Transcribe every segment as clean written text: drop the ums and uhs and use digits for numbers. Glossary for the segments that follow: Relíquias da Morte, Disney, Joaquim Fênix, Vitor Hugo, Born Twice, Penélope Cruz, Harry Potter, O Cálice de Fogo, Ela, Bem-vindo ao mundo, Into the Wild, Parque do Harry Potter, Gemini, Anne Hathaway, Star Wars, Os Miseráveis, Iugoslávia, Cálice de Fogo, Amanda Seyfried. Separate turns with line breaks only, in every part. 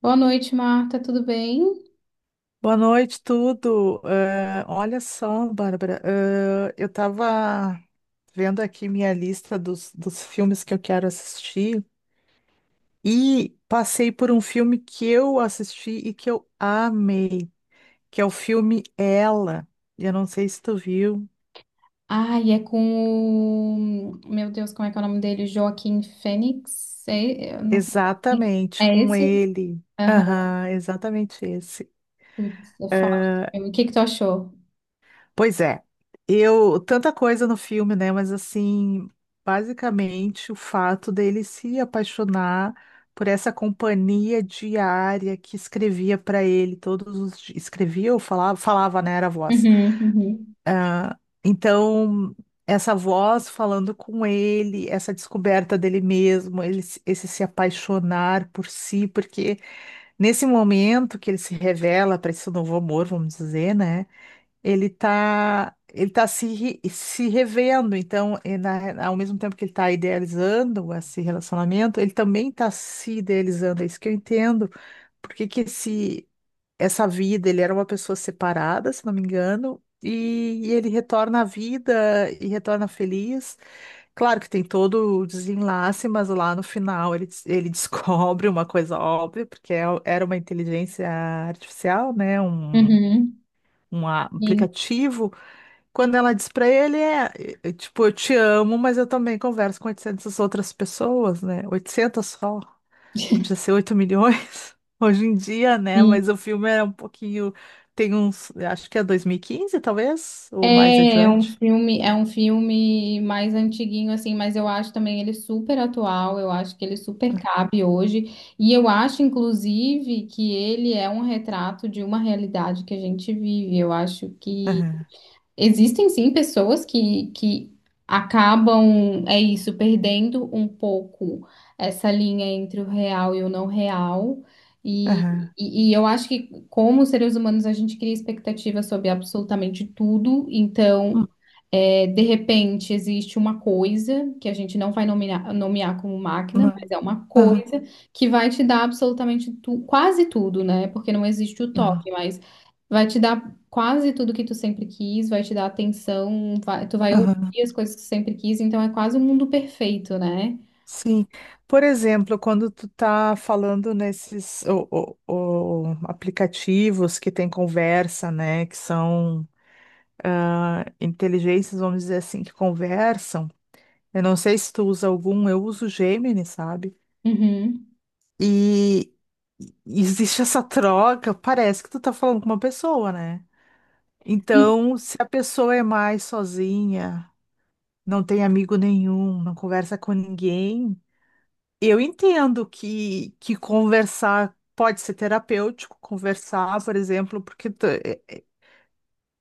Boa noite, Marta, tudo bem?
Boa noite, tudo. Olha só, Bárbara, eu estava vendo aqui minha lista dos filmes que eu quero assistir e passei por um filme que eu assisti e que eu amei, que é o filme Ela. Eu não sei se tu viu.
Ai, é com o... Meu Deus, como é que é o nome dele? Joaquim Fênix? É, eu não sei.
Exatamente,
É
com
esse?
ele.
Aham.
Aham, exatamente esse.
Putz, é foda. O que que tu achou?
Pois é, eu tanta coisa no filme, né? Mas assim, basicamente o fato dele se apaixonar por essa companhia diária que escrevia para ele todos os dias, escrevia ou falava, né? Era a voz.
Uhum, uhum,
Ah, então essa voz falando com ele, essa descoberta dele mesmo, ele, se- esse se apaixonar por si, porque nesse momento que ele se revela para esse novo amor, vamos dizer, né? Ele tá se revendo. Então, ao mesmo tempo que ele está idealizando esse relacionamento, ele também está se idealizando. É isso que eu entendo. Porque que essa vida, ele era uma pessoa separada, se não me engano, e ele retorna à vida e retorna feliz. Claro que tem todo o desenlace, mas lá no final ele descobre uma coisa óbvia, porque era uma inteligência artificial, né? Um,
uhum.
um a- aplicativo. Quando ela diz pra ele, tipo, eu te amo, mas eu também converso com 800 outras pessoas, né? 800 só.
Sim.
Podia ser 8 milhões hoje em dia, né? Mas o filme é um pouquinho. Tem uns. Acho que é 2015 talvez, ou mais
É,
adiante.
é um filme mais antiguinho assim, mas eu acho também ele super atual, eu acho que ele super cabe hoje, e eu acho inclusive que ele é um retrato de uma realidade que a gente vive. Eu acho que
Aham,
existem sim pessoas que acabam, é isso, perdendo um pouco essa linha entre o real e o não real. E,
aham.
e eu acho que, como seres humanos, a gente cria expectativa sobre absolutamente tudo. Então,
Hum.
é, de repente, existe uma coisa que a gente não vai nomear, nomear como máquina,
Não.
mas é uma
Aham,
coisa que vai te dar absolutamente tu, quase tudo, né? Porque não existe o toque,
aham,
mas vai te dar quase tudo que tu sempre quis, vai te dar atenção, vai- tu vai
aham.
ouvir as coisas que tu sempre quis, então é quase um mundo perfeito, né?
Sim. Por exemplo, quando tu tá falando nesses o aplicativos que tem conversa, né? Que são inteligências, vamos dizer assim, que conversam. Eu não sei se tu usa algum, eu uso Gemini, sabe?
Uhum.
E e existe essa troca, parece que tu tá falando com uma pessoa, né? Então, se a pessoa é mais sozinha, não tem amigo nenhum, não conversa com ninguém, eu entendo que conversar pode ser terapêutico, conversar, por exemplo,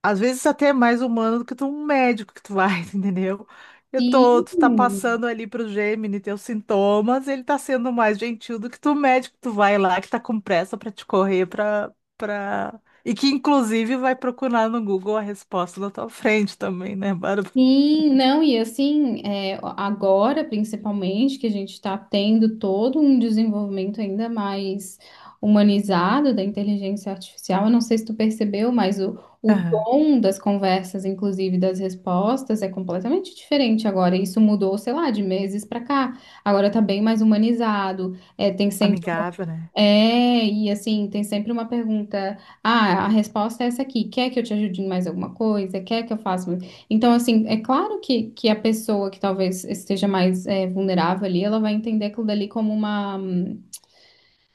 às vezes até é mais humano do que tu, um médico que tu vai, entendeu? Eu tô, tu tá
Sim.
passando ali pro Gemini teus sintomas, ele tá sendo mais gentil do que tu, o médico que tu vai lá, que tá com pressa pra te correr pra. E que, inclusive, vai procurar no Google a resposta na tua frente também, né, Bárbara?
Sim, não, e assim, é, agora principalmente que a gente está tendo todo um desenvolvimento ainda mais humanizado da inteligência artificial, eu não sei se tu percebeu, mas o
Aham.
tom das conversas, inclusive das respostas, é completamente diferente agora. Isso mudou, sei lá, de meses para cá. Agora tá bem mais humanizado, é, tem sempre
Amigável, né?
é, e assim, tem sempre uma pergunta. Ah, a resposta é essa aqui. Quer que eu te ajude em mais alguma coisa? Quer que eu faça? Mais- então, assim, é claro que a pessoa que talvez esteja mais é, vulnerável ali, ela vai entender aquilo dali como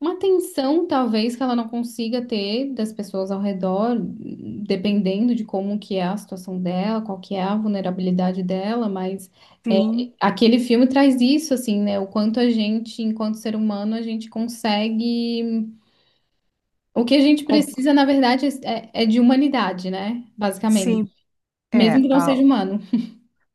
uma atenção, talvez, que ela não consiga ter das pessoas ao redor, dependendo de como que é a situação dela, qual que é a vulnerabilidade dela, mas. É,
Sim.
aquele filme traz isso, assim, né? O quanto a gente, enquanto ser humano, a gente consegue. O que a gente
Com...
precisa, na verdade, é, é de humanidade, né? Basicamente.
Sim,
Mesmo
é.
que não seja humano.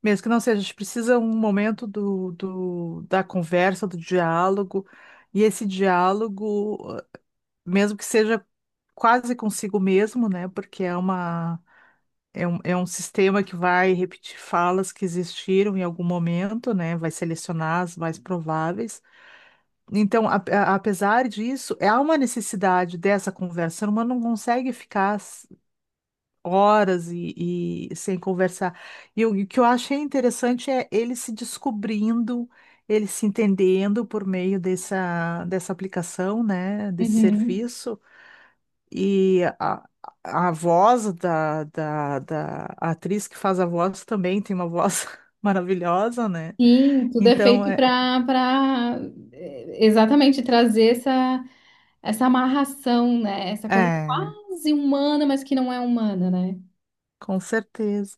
Mesmo que não seja, a gente precisa um momento da conversa, do diálogo, e esse diálogo, mesmo que seja quase consigo mesmo, né? Porque é um sistema que vai repetir falas que existiram em algum momento, né? Vai selecionar as mais prováveis. Então, apesar disso, há uma necessidade dessa conversa. O ser humano não consegue ficar horas e sem conversar. E o que eu achei interessante é ele se descobrindo, ele se entendendo por meio dessa aplicação, né? Desse
Uhum.
serviço. E a voz da atriz que faz a voz também tem uma voz maravilhosa, né?
Sim, tudo é
Então,
feito para para exatamente trazer essa, essa amarração, né? Essa coisa
é,
quase humana, mas que não é humana, né?
com certeza.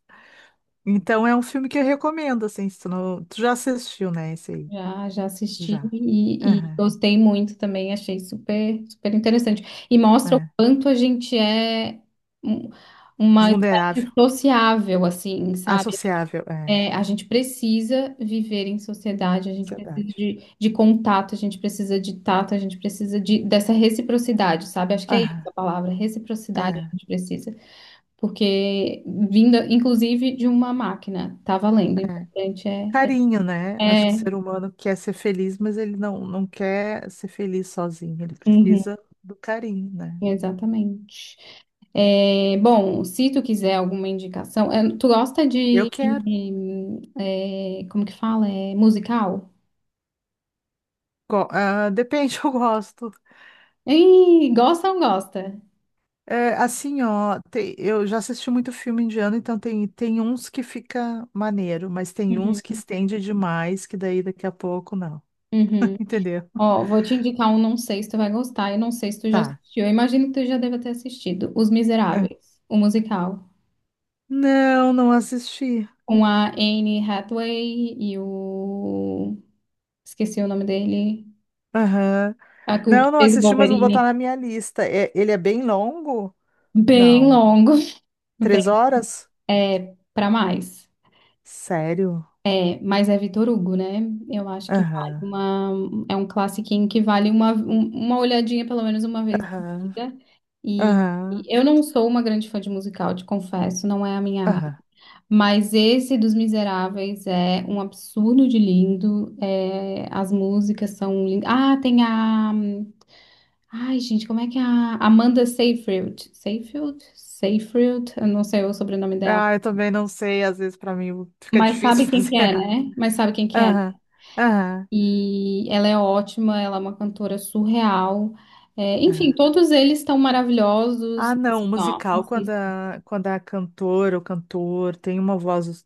Então, é um filme que eu recomendo, assim, se tu não... Tu já assistiu, né, esse aí?
Já, já assisti
Já.
e
Aham,
gostei muito também, achei super, super interessante. E mostra o
é.
quanto a gente é um- uma espécie
Vulnerável,
sociável, assim, sabe?
associável, é.
É, a gente precisa viver em sociedade, a gente precisa
Ansiedade.
de contato, a gente precisa de tato, a gente precisa de, dessa reciprocidade, sabe? Acho que é isso
Aham,
a palavra, reciprocidade a
é,
gente precisa. Porque vindo, inclusive, de uma máquina, tá valendo, o
é.
importante é...
Carinho, né? Acho
é,
que o ser
é-
humano quer ser feliz, mas ele não, não quer ser feliz sozinho. Ele
Uhum,
precisa do carinho, né?
exatamente. É, bom, se tu quiser alguma indicação, é, tu gosta
Eu
de...
quero.
é, como que fala? É, musical?
Ah, depende, eu gosto.
Ih, gosta ou não gosta?
É, assim, ó, eu já assisti muito filme indiano, então tem uns que fica maneiro, mas tem uns que
Uhum.
estende demais, que daí daqui a pouco não.
Uhum.
Entendeu?
Ó, vou te indicar um, não sei se tu vai gostar, e não sei se tu já
Tá.
assistiu. Eu imagino que tu já deva ter assistido. Os
É.
Miseráveis, o musical.
Não, não assisti.
Com a Anne Hathaway e o... Esqueci o nome dele.
Aham.
A, que o que
Não, não
fez o
assisti, mas vou
Wolverine.
botar na minha lista. É- ele é bem longo?
Bem
Não.
longo.
Três
Bem,
horas?
é, pra mais.
Sério?
É, mas é Vitor Hugo, né? Eu acho que vale
Aham.
uma... É um classiquinho que vale uma, um- uma olhadinha pelo menos uma vez na
Aham.
vida. E...
Aham.
e eu não sou uma grande fã de musical, te confesso, não é a minha área.
Aham.
Mas esse dos Miseráveis é um absurdo de lindo. É, as músicas são lindas. Ah, tem a. Ai, gente, como é que é a Amanda Seyfried? Seyfried? Seyfried? Eu não sei o sobrenome dela.
Ah, eu também não sei, às vezes pra mim fica
Mas
difícil
sabe quem que
fazer.
é, né? Mas sabe quem que é.
Aham, aham,
E ela é ótima, ela é uma cantora surreal. É, enfim,
aham.
todos eles estão maravilhosos.
Ah, não,
Assim, ó,
musical, quando
assistam.
a, quando a cantora ou cantor tem uma voz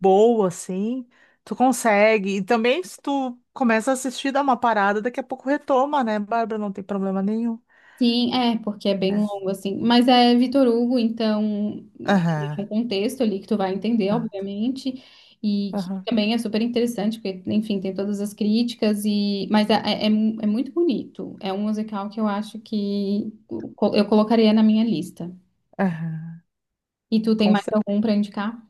boa, assim, tu consegue. E também, se tu começa a assistir, dá uma parada, daqui a pouco retoma, né, Bárbara? Não tem problema nenhum.
Sim, é, porque é bem
É.
longo, assim. Mas é Vitor Hugo, então existe
Aham,
um contexto ali que tu vai entender,
aham,
obviamente, e que
aham.
também é super interessante, porque, enfim, tem todas as críticas, e mas é, é, é mu- é muito bonito. É um musical que eu acho que co- eu colocaria na minha lista.
Aham.
E tu tem
Com
mais
cer-
algum para indicar?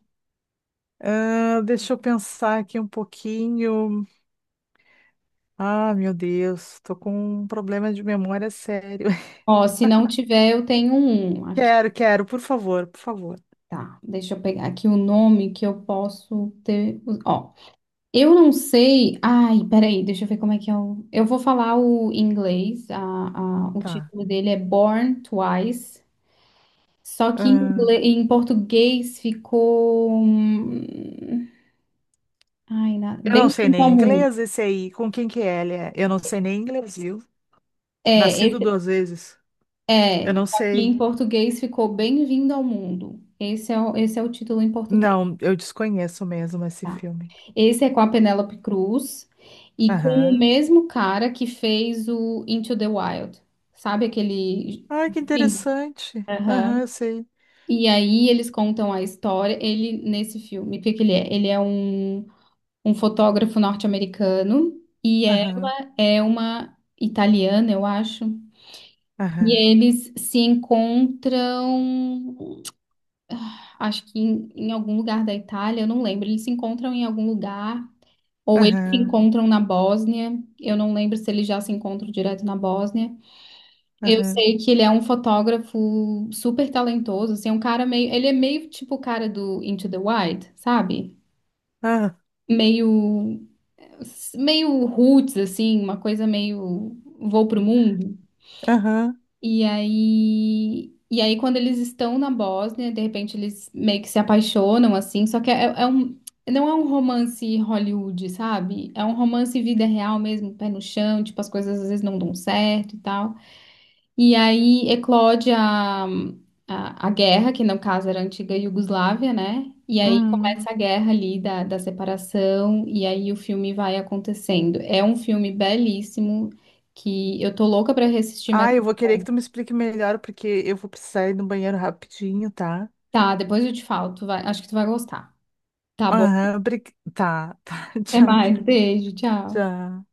ah, deixa eu pensar aqui um pouquinho. Ah, meu Deus, tô com um problema de memória sério.
Ó, se não tiver, eu tenho um aqui.
Quero, quero, por favor, por favor.
Tá, deixa eu pegar aqui o nome que eu posso ter. Ó, eu não sei. Ai, peraí, deixa eu ver como é que é o. Eu vou falar o em inglês. A- o
Tá.
título dele é Born Twice. Só que em, ingle- em português ficou. Ai, na...
Eu não sei
Bem-vindo ao
nem
mundo.
inglês esse aí. Com quem que é ele é? Eu não sei nem inglês, viu?
É,
Nascido
esse...
duas vezes. Eu
é.
não
Só que
sei.
em português ficou Bem-vindo ao mundo. Esse é o título em português,
Não, eu desconheço mesmo esse
tá?
filme.
Esse é com a Penélope Cruz e com o
Aham.
mesmo cara que fez o Into the Wild. Sabe aquele.
Ai, que interessante. Aham,
Aham.
eu sei.
E aí eles contam a história, ele nesse filme, o que que ele é? Ele é um, um fotógrafo norte-americano e
Aham,
ela é uma italiana, eu acho. E
aham,
eles se encontram, acho que em, em algum lugar da Itália, eu não lembro. Eles se encontram em algum lugar, ou eles se
aham,
encontram na Bósnia, eu não lembro se eles já se encontram direto na Bósnia. Eu
aham,
sei que ele é um fotógrafo super talentoso, assim, é um cara meio, ele é meio tipo o cara do Into the Wild, sabe?
ah,
Meio meio roots assim, uma coisa meio vou pro mundo.
aham.
E aí quando eles estão na Bósnia, de repente eles meio que se apaixonam assim, só que é, é um não é um romance Hollywood, sabe? É um romance vida real mesmo, pé no chão, tipo as coisas às vezes não dão certo e tal. E aí eclode a guerra, que no caso era a antiga Iugoslávia, né? E aí
Uhum.
começa a guerra ali da separação, e aí o filme vai acontecendo. É um filme belíssimo que eu tô louca pra reassistir, mas
Ah, eu vou querer que tu me explique melhor, porque eu vou precisar ir no banheiro rapidinho, tá?
tá, depois eu te falo, tu vai, acho que tu vai gostar. Tá bom.
Aham, tá, tá.
Até
Tchau,
mais,
tchau,
beijo, tchau.
tchau.